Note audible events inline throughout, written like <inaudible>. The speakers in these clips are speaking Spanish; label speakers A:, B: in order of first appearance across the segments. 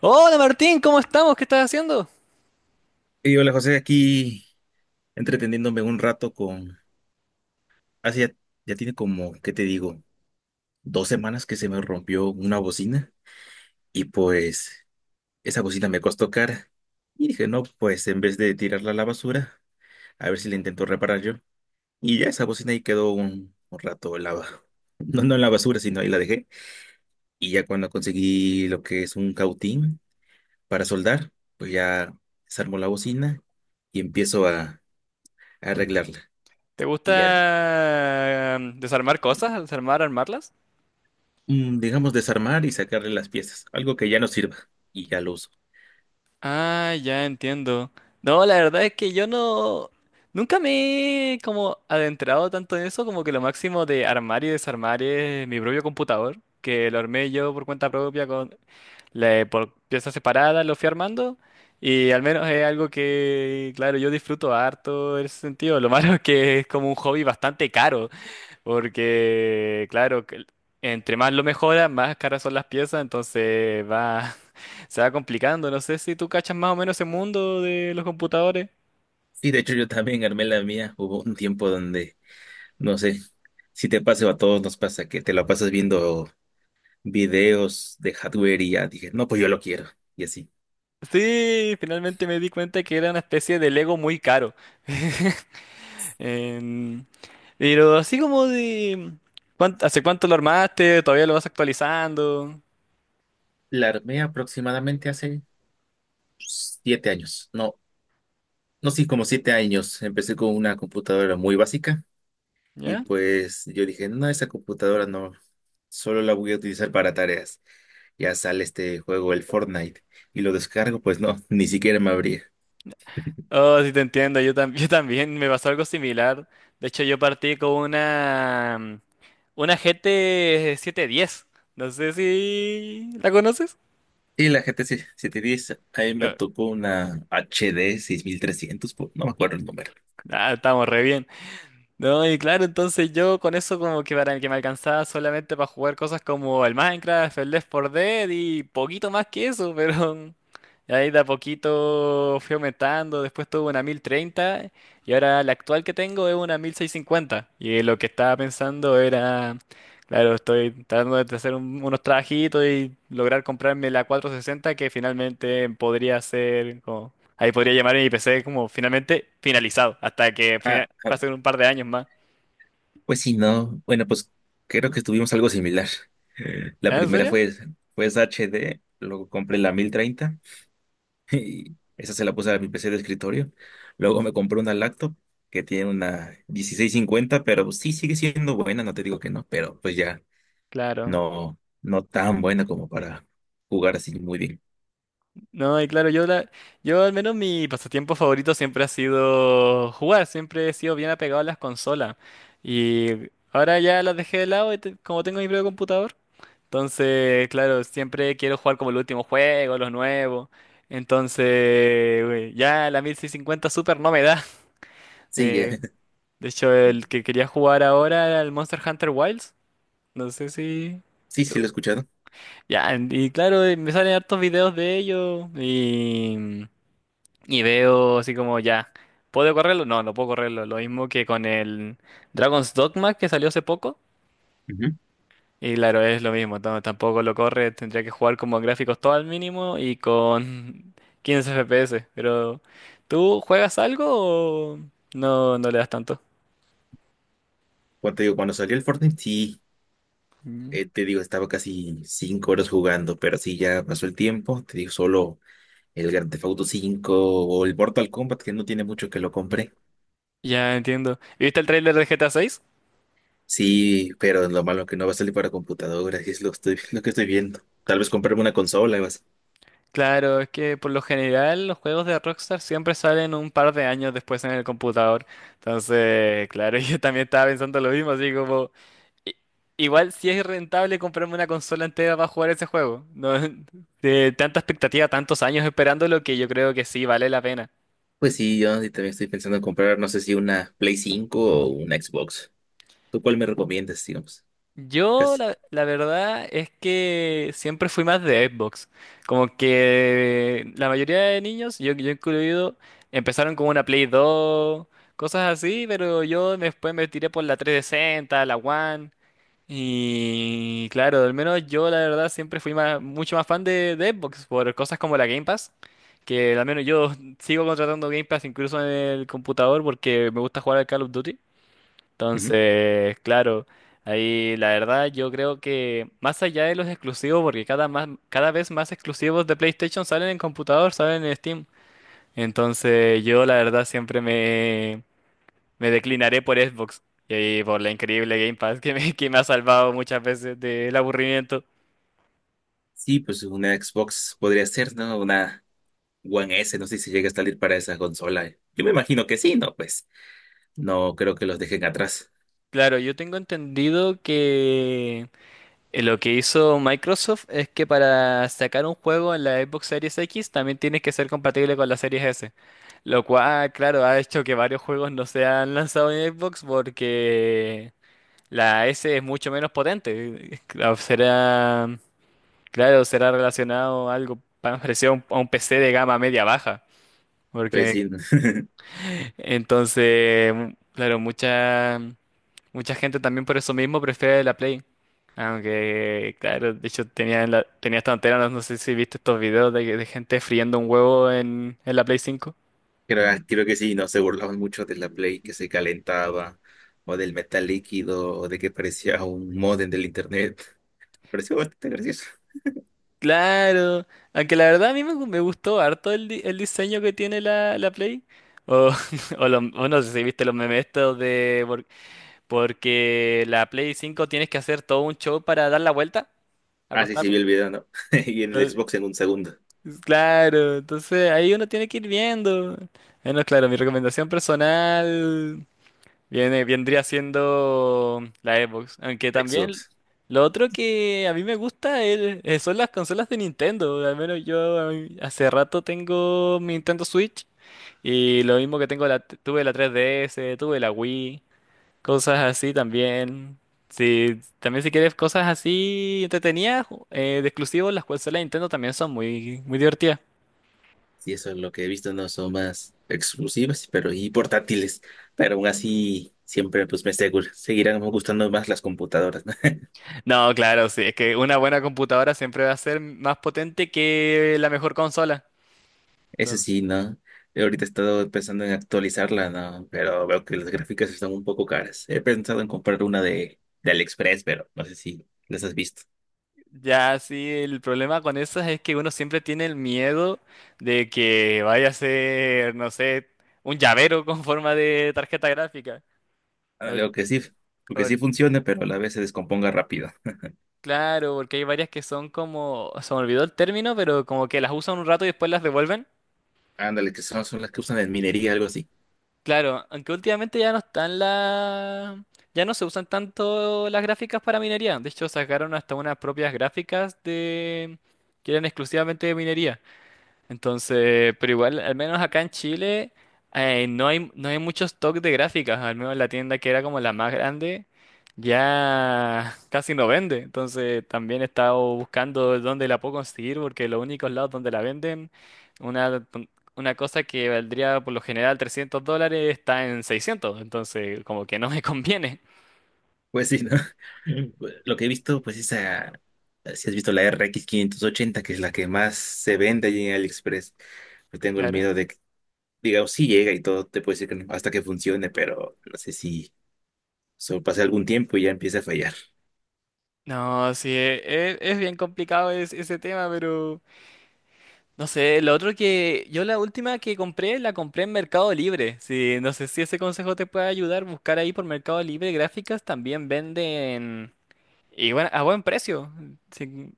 A: Hola Martín, ¿cómo estamos? ¿Qué estás haciendo?
B: Y hola José, aquí entreteniéndome un rato con... Hace ya, ya tiene como, ¿qué te digo? Dos semanas que se me rompió una bocina, y pues esa bocina me costó cara. Y dije, no, pues en vez de tirarla a la basura, a ver si la intento reparar yo. Y ya esa bocina ahí quedó un rato en la... <laughs> ba- No, no en la basura, sino ahí la dejé. Y ya cuando conseguí lo que es un cautín para soldar, pues ya desarmo la bocina y empiezo a arreglarla.
A: ¿Te
B: Y ya.
A: gusta desarmar cosas? ¿Desarmar, armarlas?
B: Digamos, desarmar y sacarle las piezas, algo que ya no sirva, y ya lo uso.
A: Ah, ya entiendo. No, la verdad es que yo no. Nunca me he como adentrado tanto en eso, como que lo máximo de armar y desarmar es mi propio computador, que lo armé yo por cuenta propia con por piezas separadas, lo fui armando, y al menos es algo que, claro, yo disfruto harto en ese sentido. Lo <laughs> malo es que es como un hobby bastante caro. Porque, claro, que entre más lo mejora, más caras son las piezas, entonces va, <laughs> se va complicando. No sé si tú cachas más o menos ese mundo de los computadores.
B: Sí, de hecho yo también armé la mía. Hubo un tiempo donde, no sé, si te pasa o a todos nos pasa que te la pasas viendo videos de hardware y ya dije, no, pues yo lo quiero y así.
A: Sí, finalmente me di cuenta que era una especie de Lego muy caro. <laughs> Em, pero así como de. ¿Hace cuánto lo armaste? ¿Todavía lo vas actualizando?
B: La armé aproximadamente hace siete años, no, no, sí, como siete años. Empecé con una computadora muy básica y
A: ¿Ya?
B: pues yo dije, no, esa computadora no, solo la voy a utilizar para tareas. Ya sale este juego, el Fortnite, y lo descargo, pues no, <laughs> ni siquiera me abría.
A: Oh, sí te entiendo, <laughs> yo también me pasó algo similar. De hecho, yo partí con una GT 710. No sé si la conoces.
B: Y la GT 710, ahí me
A: Eh,
B: tocó una HD 6300, po- no me acuerdo el número.
A: Ah, estamos re bien. No, y claro, entonces yo con eso como que para el que me alcanzaba solamente para jugar cosas como el Minecraft, el Left 4 Dead y poquito más que eso, pero <laughs> ahí de a poquito fui aumentando, después tuve una 1030 y ahora la actual que tengo es una 1650. Y lo que estaba pensando era, claro, estoy tratando de hacer unos trabajitos y lograr comprarme la 460, que finalmente podría ser como. Ahí podría llamar a mi PC como finalmente finalizado, hasta que
B: Ah, ah,
A: pasen un par de años más.
B: pues sí, no. Bueno, pues creo que tuvimos algo similar. <laughs> La
A: Ah, ¿en
B: primera
A: serio?
B: fue, fue esa HD, luego compré la 1030. <laughs> Y esa se la puse a mi PC de escritorio. Luego me compré una laptop que tiene una 1650, pero sí sigue siendo buena, no te digo que no, pero pues ya
A: Claro.
B: no, no tan buena como para jugar así muy bien.
A: No, y claro, yo al menos mi pasatiempo favorito siempre ha sido jugar, siempre he sido bien apegado a las consolas. Y ahora ya las dejé de lado, como tengo mi propio computador. Entonces, claro, siempre quiero jugar como el último juego, los nuevos. Entonces, güey, ya la 1650 Super no me da. <laughs>
B: Sí,
A: Eh,
B: <laughs>
A: de hecho, el que quería jugar ahora era el Monster Hunter Wilds. No sé si.
B: sí, sí lo he escuchado.
A: Ya, y claro, me salen hartos videos de ellos y veo así como ya, ¿puedo correrlo? No, no puedo correrlo. Lo mismo que con el Dragon's Dogma que salió hace poco.
B: Ujú.
A: Y claro, es lo mismo, tampoco lo corre, tendría que jugar como a gráficos todo al mínimo y con <laughs> 15 FPS. Pero, ¿tú juegas algo o no, no le das tanto?
B: Cuando te digo, cuando salió el Fortnite, sí,
A: Mm.
B: te digo, estaba casi cinco horas jugando, pero sí ya pasó el tiempo, te digo, solo el Grand Theft Auto 5 o el Mortal Kombat, que no tiene mucho que lo compré.
A: Ya entiendo. ¿Viste el tráiler de GTA VI?
B: Sí, pero lo malo que no va a salir para computadora, y es lo, estoy, <laughs> lo que estoy viendo. Tal vez comprarme una consola y más.
A: Claro, es que por lo general los juegos de Rockstar siempre salen un par de años después en el computador. Entonces, claro, <laughs> yo también estaba pensando lo mismo, así como, i- igual si es rentable comprarme una consola entera para jugar ese juego. No, <laughs> de tanta expectativa, tantos años esperándolo, que yo creo que sí vale la pena.
B: Pues sí, yo sí también estoy pensando en comprar, no sé si una Play cinco o una Xbox. ¿Tú cuál me recomiendas, digamos?
A: Yo
B: Casi.
A: la verdad es que siempre fui más de Xbox. Como que la mayoría de niños, yo incluido, empezaron con una Play 2, cosas así, pero yo después me tiré por la 360, la One. Y claro, al menos yo la verdad siempre fui mucho más fan de Xbox, por cosas como la Game Pass, que al menos yo <laughs> sigo contratando Game Pass incluso en el computador, porque me gusta jugar al Call of Duty.
B: Ujú.
A: Entonces, claro, ahí la verdad yo creo que más allá de los exclusivos, porque cada vez más exclusivos de PlayStation salen en computador, salen en Steam. Entonces, yo la verdad siempre me declinaré por Xbox y por la increíble Game Pass que me ha salvado muchas veces del aburrimiento.
B: Sí, pues una Xbox podría ser, ¿no? Una One S, no sé si llega a salir para esa consola. Yo me imagino que sí, ¿no? Pues no creo que los dejen atrás.
A: Claro, yo tengo entendido que lo que hizo Microsoft es que para sacar un juego en la Xbox Series X también tienes que ser compatible con la Series S. Lo cual, claro, ha hecho que varios juegos no se han lanzado en Xbox, porque la S es mucho menos potente. <laughs> Claro, será relacionado a algo parecido a un, PC de gama media baja.
B: Pues
A: Porque
B: sí. <laughs>
A: entonces, claro, mucha, mucha gente también por eso mismo prefiere la Play. Aunque, claro, de hecho tenía, tenía esta antena, no, no sé si viste estos videos de gente friendo un huevo en la Play 5.
B: Creo, ah, creo que sí, no se burlaban mucho de la Play que se calentaba, o del metal líquido, o de que parecía un modem del internet. Pareció bastante gracioso.
A: Claro, aunque la verdad a mí me gustó harto el diseño que tiene la Play. O, <laughs> o no sé si viste los memes estos de. Por- porque la Play 5 tienes que hacer todo un show para dar la vuelta,
B: Ah, sí, sí, vi
A: acostarla.
B: el video, ¿no? <laughs> Y en el Xbox en un segundo.
A: Claro, entonces ahí uno tiene que ir viendo. Bueno, claro, mi recomendación personal vendría siendo la Xbox. Aunque también
B: Xbox.
A: lo otro que a mí me gusta son las consolas de Nintendo. Al menos yo hace rato tengo mi Nintendo Switch, y lo mismo que tuve la 3DS, tuve la Wii, cosas así también. Sí, también si quieres cosas así entretenidas, de exclusivos, las consolas de Nintendo también son muy, muy divertidas.
B: Sí, eso es lo que he visto, no son más exclusivas, pero y portátiles. Pero aún así, siempre pues me seguro, seguirán gustando más las computadoras, ¿no?
A: No, claro, sí, es que una buena computadora siempre va a ser más potente que la mejor consola.
B: Eso
A: Entonces,
B: sí, ¿no? Yo ahorita he estado pensando en actualizarla, ¿no? Pero veo que las gráficas están un poco caras. He pensado en comprar una de AliExpress, pero no sé si las has visto.
A: ya sí, el problema con esas es que uno siempre tiene el miedo de que vaya a ser, no sé, un llavero con forma de tarjeta gráfica.
B: Ándale,
A: Por-
B: o que sí, porque sí
A: por-
B: funcione, pero a la vez se descomponga rápido.
A: claro, porque hay varias que son como, se me olvidó el término, pero como que las usan un rato y después las devuelven.
B: Ándale, que son, son las que usan en minería, algo así.
A: Claro, aunque últimamente ya no están la. Ya no se usan tanto las gráficas para minería. De hecho, sacaron hasta unas propias gráficas de, que eran exclusivamente de minería. Entonces, pero igual, al menos acá en Chile, no hay, no hay mucho stock de gráficas, al menos la tienda que era como la más grande, ya <laughs> casi no vende. Entonces, también he estado buscando dónde la puedo conseguir, porque los únicos lados donde la venden, una, una cosa que valdría por lo general $300, está en 600. Entonces como que no me <laughs> conviene,
B: Pues sí, ¿no? <laughs> Lo que he visto, pues esa, si has visto la RX 580, que es la que más se vende allí en AliExpress. Yo tengo el
A: claro.
B: miedo de que, digamos, sí llega y todo, te puede decir que no, hasta que funcione, pero no sé si solo pasé algún tiempo y ya empieza a fallar. <laughs>
A: No, sí, es, bien complicado ese tema, pero. No sé, lo otro que yo la última que compré, la compré en Mercado Libre. Sí, no sé si ese consejo te puede ayudar, buscar ahí por Mercado Libre, gráficas también venden, y bueno, a buen precio. Sí,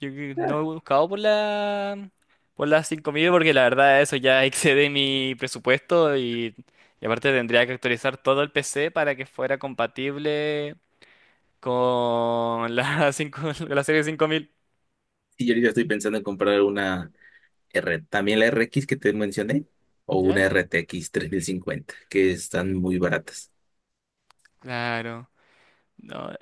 A: yo que no he buscado por las 5000, porque la verdad eso ya <laughs> excede mi presupuesto, y aparte tendría que actualizar todo el PC para que fuera compatible con la <laughs> 5, la serie 5000.
B: Y yo ahorita estoy pensando en comprar una R, también la RX que te mencioné, o una
A: ¿Ya?
B: RTX 3050 que están muy baratas.
A: Claro. No.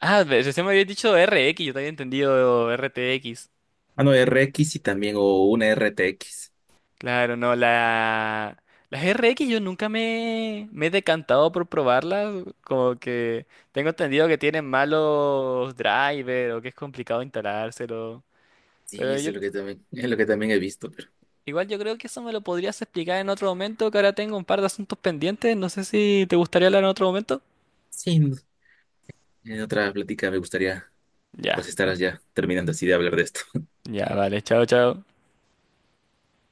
A: Ah, recién me había dicho RX, yo te había entendido RTX.
B: Ah, no, RX y también, o una r t x.
A: Claro, no, la. Las RX yo nunca me he decantado por probarlas, como que tengo entendido que tienen malos drivers o que es complicado instalárselo.
B: Sí,
A: Pero
B: eso
A: yo,
B: es lo que también, es lo que también he visto, pero
A: igual yo creo que eso me lo podrías explicar en otro momento, que ahora tengo un par de asuntos pendientes, no sé si te gustaría hablar en otro momento.
B: sí, en otra plática me gustaría
A: Ya,
B: pues estar ya terminando así de hablar de esto.
A: ya, vale, chao, chao.